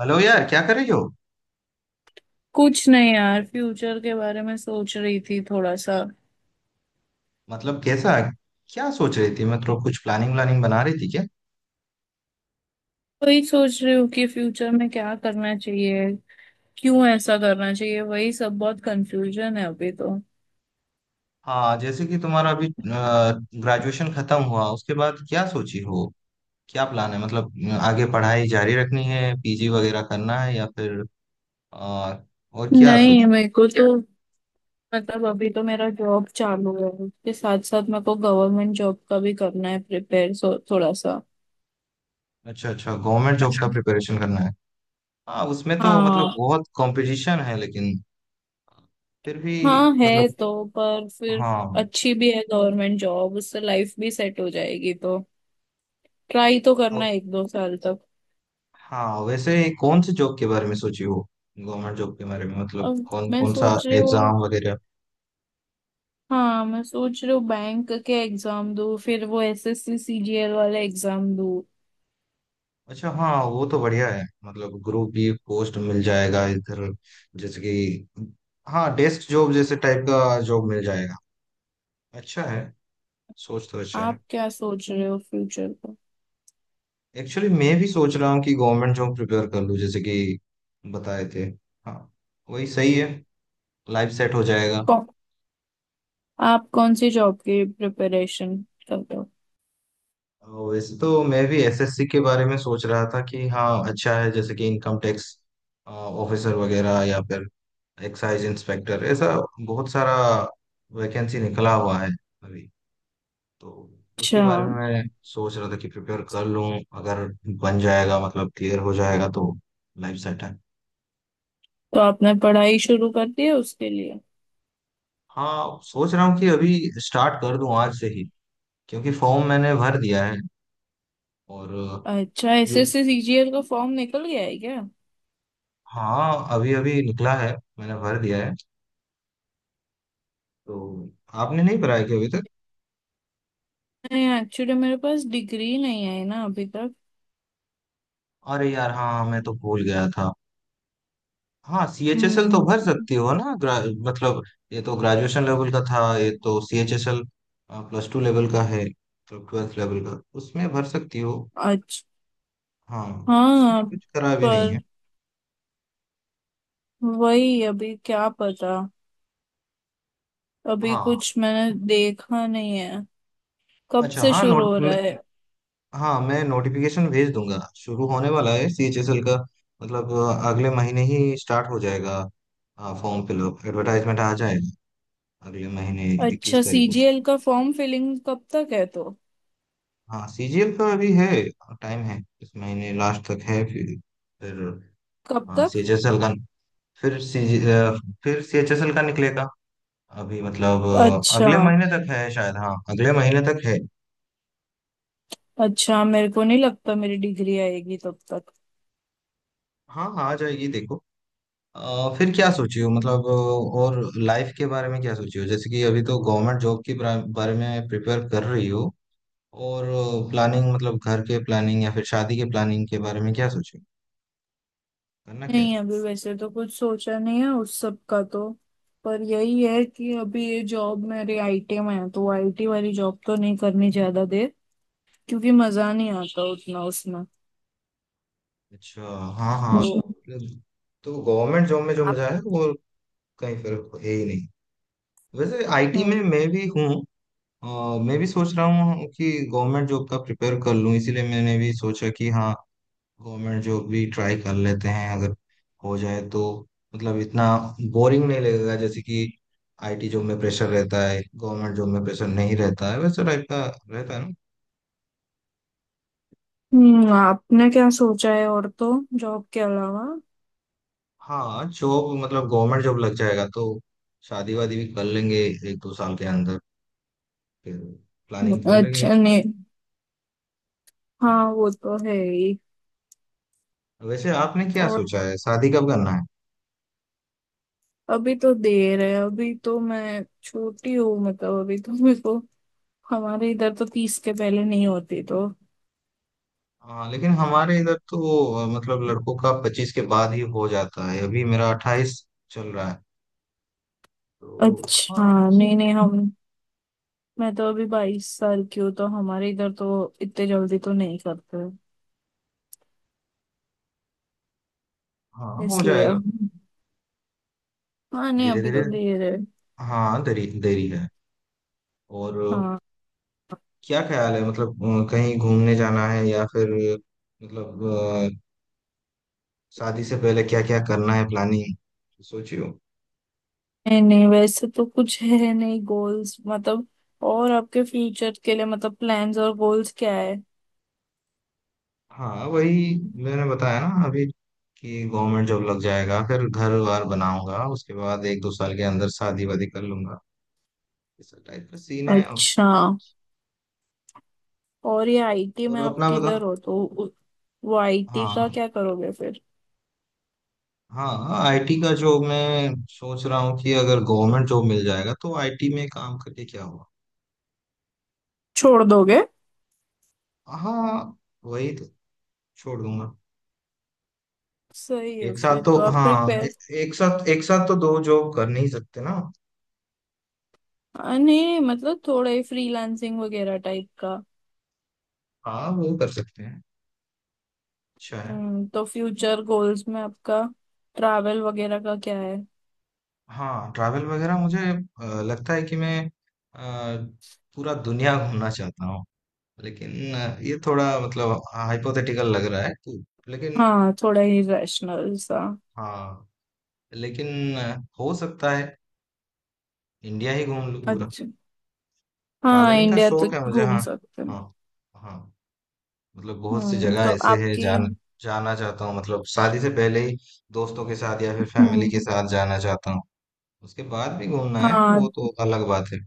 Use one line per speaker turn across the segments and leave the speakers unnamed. Hello यार, क्या कर रही हो।
कुछ नहीं यार, फ्यूचर के बारे में सोच रही थी थोड़ा सा।
मतलब कैसा? क्या सोच रही थी, मतलब कुछ प्लानिंग व्लानिंग बना रही थी क्या।
वही सोच रही हूँ कि फ्यूचर में क्या करना चाहिए, क्यों ऐसा करना चाहिए, वही सब। बहुत कंफ्यूजन है अभी तो।
हाँ, जैसे कि तुम्हारा अभी ग्रेजुएशन खत्म हुआ उसके बाद क्या सोची हो, क्या प्लान है, मतलब आगे पढ़ाई जारी रखनी है, पीजी वगैरह करना है या फिर अ, और क्या
नहीं,
सोची।
मेरे को तो मतलब अभी तो मेरा जॉब चालू है, उसके साथ साथ मेरे को गवर्नमेंट जॉब का भी करना है प्रिपेयर, सो थोड़ा सा।
अच्छा अच्छा, गवर्नमेंट जॉब का प्रिपरेशन करना है। हाँ, उसमें तो मतलब
हाँ।
बहुत कंपटीशन है, लेकिन फिर भी।
हाँ है
मतलब,
तो, पर फिर
हाँ।
अच्छी भी है गवर्नमेंट जॉब, उससे लाइफ भी सेट हो जाएगी, तो ट्राई तो करना है एक दो साल तक।
हाँ वैसे, कौन से जॉब के बारे में सोची हो, गवर्नमेंट जॉब के बारे में, मतलब
अब
कौन
मैं
कौन सा
सोच रही हूँ।
एग्जाम वगैरह।
हाँ, मैं सोच रही हूँ बैंक के एग्जाम दो, फिर वो एसएससी सीजीएल वाला एग्जाम दो।
अच्छा हाँ, वो तो बढ़िया है, मतलब ग्रुप बी पोस्ट मिल जाएगा इधर, जैसे कि, हाँ डेस्क जॉब जैसे टाइप का जॉब मिल जाएगा। अच्छा है, सोच तो अच्छा है।
आप क्या सोच रहे हो फ्यूचर का?
एक्चुअली मैं भी सोच रहा हूँ कि गवर्नमेंट जॉब प्रिपेयर कर लूँ, जैसे कि बताए थे। हाँ वही सही है, लाइफ सेट हो जाएगा।
कौन आप कौन सी जॉब की प्रिपरेशन कर रहे हो?
वैसे तो मैं भी एसएससी के बारे में सोच रहा था कि हाँ अच्छा है, जैसे कि इनकम टैक्स ऑफिसर वगैरह, या फिर एक्साइज इंस्पेक्टर, ऐसा बहुत सारा वैकेंसी निकला हुआ है अभी। तो उसके
अच्छा।
बारे में मैं सोच रहा था कि प्रिपेयर कर लूँ, अगर बन जाएगा मतलब क्लियर हो जाएगा तो लाइफ सेट है।
तो आपने पढ़ाई शुरू कर दी है उसके लिए?
हाँ, सोच रहा हूँ कि अभी स्टार्ट कर दूँ आज से ही, क्योंकि फॉर्म मैंने भर दिया है और।
अच्छा,
यू,
एसएससी सीजीएल का फॉर्म निकल गया है क्या?
हाँ अभी अभी निकला है, मैंने भर दिया है। तो आपने नहीं भरा है क्या अभी तक।
नहीं, एक्चुअली मेरे पास डिग्री नहीं आई ना अभी तक।
अरे यार, हाँ मैं तो भूल गया था। हाँ सी एच एस एल तो
हम्म।
भर सकती हो ना। मतलब, ये तो ग्रेजुएशन लेवल का था, ये तो C H S L plus two level का है, तो ट्वेल्थ लेवल का, उसमें भर सकती हो।
अच्छा।
हाँ,
हाँ।
उसमें कुछ करा भी नहीं
पर
है।
वही, अभी क्या पता, अभी
हाँ।
कुछ मैंने देखा नहीं है। कब
अच्छा
से
हाँ,
शुरू हो रहा है?
हाँ मैं नोटिफिकेशन भेज दूंगा, शुरू होने वाला है सी एच एस एल का। मतलब अगले महीने ही स्टार्ट हो जाएगा। हाँ, फॉर्म फिलअप एडवर्टाइजमेंट आ जाएगा, अगले महीने
अच्छा,
21 तारीख को।
सीजीएल का फॉर्म फिलिंग कब तक है तो?
हाँ सीजीएल का अभी है, टाइम है, इस महीने लास्ट तक है, फिर फिर
कब
हाँ
तक?
सीएचएसएल का, फिर सी फिर सीएचएसएल का निकलेगा अभी, मतलब
अच्छा।
अगले महीने तक है शायद, हाँ अगले महीने तक है।
अच्छा, मेरे को नहीं लगता मेरी डिग्री आएगी तब तक।
हाँ हाँ, आ जाएगी देखो। फिर क्या सोची हो, मतलब और लाइफ के बारे में क्या सोची हो, जैसे कि अभी तो गवर्नमेंट जॉब के बारे बारे में प्रिपेयर कर रही हो, और प्लानिंग, मतलब घर के प्लानिंग या फिर शादी के प्लानिंग के बारे में क्या सोची हो? करना क्या
नहीं,
है।
अभी वैसे तो कुछ सोचा नहीं है उस सब का तो। पर यही है कि अभी ये जॉब मेरी आईटी में है, तो आईटी वाली जॉब तो नहीं करनी ज्यादा देर, क्योंकि मजा नहीं आता उतना उसमें।
अच्छा हाँ हाँ,
तो जी।
मतलब, तो गवर्नमेंट जॉब में जो
आप।
मजा है वो कहीं फर्क है ही नहीं। वैसे आईटी में
हम्म।
मैं भी हूँ। अ, मैं भी सोच रहा हूँ कि गवर्नमेंट जॉब का प्रिपेयर कर लूँ, इसीलिए मैंने भी सोचा कि हाँ, गवर्नमेंट जॉब भी ट्राई कर लेते हैं, अगर हो जाए तो, मतलब इतना बोरिंग नहीं लगेगा, जैसे कि आईटी जॉब में प्रेशर रहता है, गवर्नमेंट जॉब में प्रेशर नहीं रहता है वैसे टाइप का, रहता है ना।
आपने क्या सोचा है और, तो जॉब के अलावा?
हाँ, जॉब मतलब गवर्नमेंट जॉब लग जाएगा तो शादी वादी भी कर लेंगे एक दो साल के अंदर, फिर प्लानिंग कर लेंगे।
अच्छा। नहीं, हाँ वो तो है ही।
वैसे आपने क्या सोचा
और
है, शादी कब करना है।
अभी तो देर है, अभी तो मैं छोटी हूँ, मतलब अभी तो मेरे को, हमारे इधर तो 30 के पहले नहीं होती तो।
हाँ लेकिन हमारे इधर तो मतलब लड़कों का 25 के बाद ही हो जाता है, अभी मेरा 28 चल रहा है, तो
अच्छा,
हाँ।
नहीं नहीं, हम मैं तो अभी 22 साल की हूँ, तो हमारे इधर तो इतने जल्दी तो नहीं करते,
हाँ हो
इसलिए
जाएगा
अब, हाँ नहीं,
धीरे
अभी
धीरे।
तो देर है।
हाँ, देरी देरी है। और
हाँ।
क्या ख्याल है, मतलब कहीं घूमने जाना है या फिर, मतलब अ, शादी से पहले क्या क्या करना है, प्लानिंग सोचियो।
नहीं नहीं, वैसे तो कुछ है नहीं गोल्स, मतलब। और आपके फ्यूचर के लिए मतलब प्लान्स और गोल्स क्या है?
हाँ वही, मैंने बताया ना अभी कि गवर्नमेंट जॉब लग जाएगा, फिर घर वार बनाऊंगा, उसके बाद एक दो साल के अंदर शादी वादी कर लूंगा, इस टाइप का सीन है।
अच्छा। और ये आईटी
और
में आप
अपना बता।
किधर हो तो वो आईटी का
हाँ।
क्या करोगे फिर?
हाँ आईटी का जॉब मैं सोच रहा हूँ कि अगर गवर्नमेंट जॉब मिल जाएगा तो आईटी में काम करके क्या हुआ।
छोड़ दोगे?
हाँ वही तो, छोड़ दूंगा।
सही है
एक साथ
फिर
तो
तो आप
हाँ,
प्रिपेयर।
एक साथ तो दो जॉब कर नहीं सकते ना।
नहीं मतलब थोड़ा ही फ्रीलांसिंग वगैरह टाइप का।
हाँ वो कर सकते हैं, अच्छा है।
हम्म, तो फ्यूचर गोल्स में आपका ट्रैवल वगैरह का क्या है?
हाँ ट्रैवल वगैरह मुझे लगता है कि मैं अ, पूरा दुनिया घूमना चाहता हूँ, लेकिन ये थोड़ा मतलब हाइपोथेटिकल लग रहा है कि, लेकिन।
हाँ, थोड़ा ही रैशनल सा।
हाँ, लेकिन हो सकता है इंडिया ही घूम लूँ पूरा।
अच्छा। हाँ,
ट्रैवलिंग का
इंडिया तो
शौक है मुझे,
घूम
हाँ
सकते हैं।
हाँ हाँ। मतलब बहुत सी
हम्म,
जगह
तो
ऐसे है,
आपकी।
जान जाना चाहता हूँ, मतलब शादी से पहले ही दोस्तों के साथ या फिर फैमिली के
हम्म।
साथ जाना चाहता हूँ। उसके बाद भी घूमना है, वो
हाँ,
तो अलग बात है।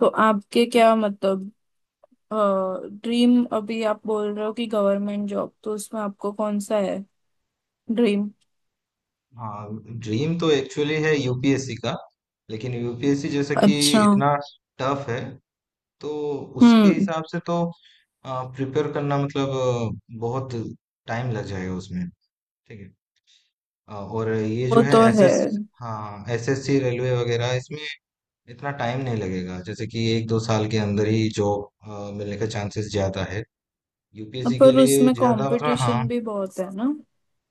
तो आपके क्या मतलब ड्रीम, अभी आप बोल रहे हो कि गवर्नमेंट जॉब, तो उसमें आपको कौन सा है ड्रीम?
हाँ। ड्रीम तो एक्चुअली है यूपीएससी का, लेकिन यूपीएससी जैसे कि
अच्छा।
इतना टफ है तो उसके
हम्म।
हिसाब से तो प्रिपेयर करना, मतलब बहुत टाइम लग जाएगा उसमें। ठीक है। और ये जो
वो
है
तो है,
एसएस हाँ एसएससी रेलवे वगैरह, इसमें इतना टाइम नहीं लगेगा, जैसे कि एक दो साल के अंदर ही जॉब मिलने का चांसेस ज्यादा है, यूपीएससी के
पर
लिए
उसमें
ज्यादा, मतलब हाँ।
कंपटीशन भी बहुत है ना।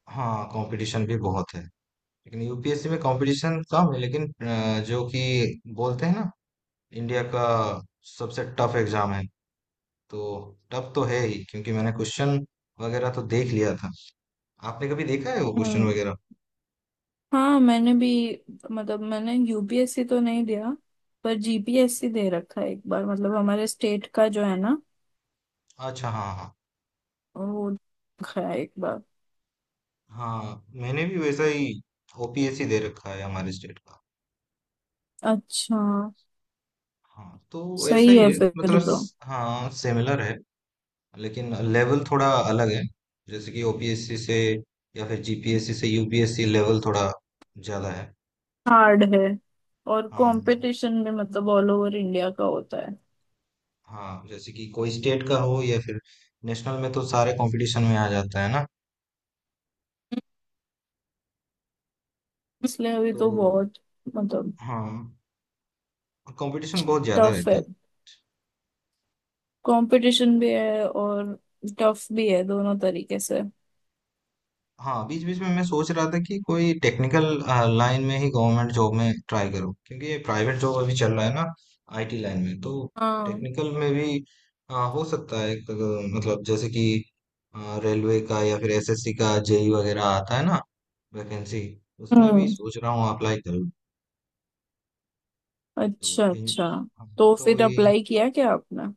हाँ कंपटीशन भी बहुत है, लेकिन यूपीएससी में कंपटीशन कम है, लेकिन जो कि बोलते हैं ना इंडिया का सबसे टफ एग्जाम है, तो टफ तो है ही, क्योंकि मैंने क्वेश्चन वगैरह तो देख लिया था। आपने कभी देखा है वो क्वेश्चन
हम्म।
वगैरह।
हाँ, मैंने भी, मतलब मैंने यूपीएससी तो नहीं दिया, पर जीपीएससी दे रखा है एक बार, मतलब हमारे स्टेट का जो है ना,
अच्छा हाँ हाँ।
वो रखा है एक बार।
हाँ मैंने भी वैसा ही ओपीएससी दे रखा है, हमारे स्टेट का।
अच्छा।
हाँ तो ऐसा
सही
ही
है
है,
फिर
मतलब
तो।
हाँ सिमिलर है। लेकिन लेवल थोड़ा अलग है, जैसे कि ओपीएससी से या फिर जीपीएससी से यूपीएससी लेवल थोड़ा ज्यादा है।
हार्ड है, और
हाँ
कंपटीशन भी मतलब ऑल ओवर इंडिया का होता है,
हाँ, जैसे कि कोई स्टेट का हो या फिर नेशनल में तो सारे कंपटीशन में आ जाता है ना।
इसलिए अभी
तो
तो बहुत, मतलब
हाँ, कंपटीशन बहुत ज्यादा
टफ
रहता
है।
है।
कंपटीशन भी है और टफ भी है, दोनों तरीके से।
हाँ बीच बीच में मैं सोच रहा था कि कोई टेक्निकल लाइन में ही गवर्नमेंट जॉब में ट्राई करूँ, क्योंकि ये प्राइवेट जॉब अभी चल रहा है ना आईटी लाइन में, तो
हाँ।
टेक्निकल में भी हो सकता है मतलब जैसे कि रेलवे का या फिर एसएससी का जेई वगैरह आता है ना वैकेंसी, उसमें भी
हम्म,
सोच रहा हूँ अप्लाई करूँ। तो
अच्छा अच्छा।
हाँ,
तो
तो
फिर
ये।
अप्लाई किया क्या आपने?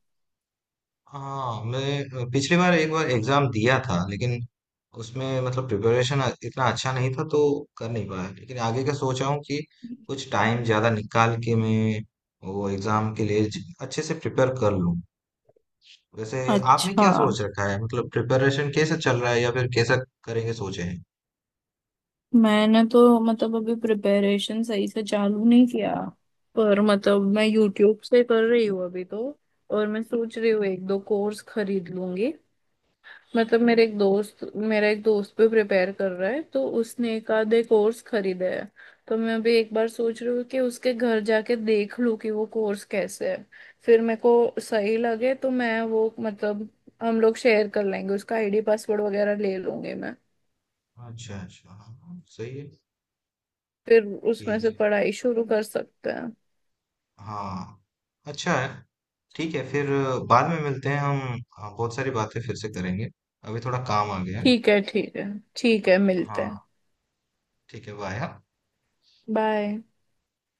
हाँ मैं पिछली बार एक बार एग्जाम दिया था, लेकिन उसमें मतलब प्रिपरेशन इतना अच्छा नहीं था तो कर नहीं पाया, लेकिन आगे का सोच रहा हूँ कि कुछ टाइम ज्यादा निकाल के मैं वो एग्जाम के लिए अच्छे से प्रिपेयर कर लूँ। वैसे आपने
अच्छा,
क्या सोच रखा है, मतलब प्रिपरेशन कैसे चल रहा है या फिर कैसा करेंगे सोचे हैं।
मैंने तो मतलब अभी प्रिपरेशन सही से चालू नहीं किया, पर मतलब मैं यूट्यूब से कर रही हूँ अभी तो। और मैं सोच रही हूँ एक दो कोर्स खरीद लूंगी, मतलब मेरे एक दोस्त मेरा एक दोस्त भी प्रिपेयर कर रहा है, तो उसने एक आधे कोर्स खरीदे है। तो मैं अभी एक बार सोच रही हूँ कि उसके घर जाके देख लूँ कि वो कोर्स कैसे है। फिर मेरे को सही लगे तो मैं वो, मतलब हम लोग शेयर कर लेंगे, उसका आईडी पासवर्ड वगैरह ले लूंगी मैं।
अच्छा अच्छा हाँ, सही है।
फिर उसमें
ठीक
से
है।
पढ़ाई शुरू कर सकते हैं।
हाँ अच्छा है। ठीक है, फिर बाद में मिलते हैं हम। हाँ, बहुत सारी बातें फिर से करेंगे, अभी थोड़ा काम आ गया है।
ठीक है, ठीक है। ठीक है, मिलते
हाँ
हैं।
ठीक है, वो आया।
बाय।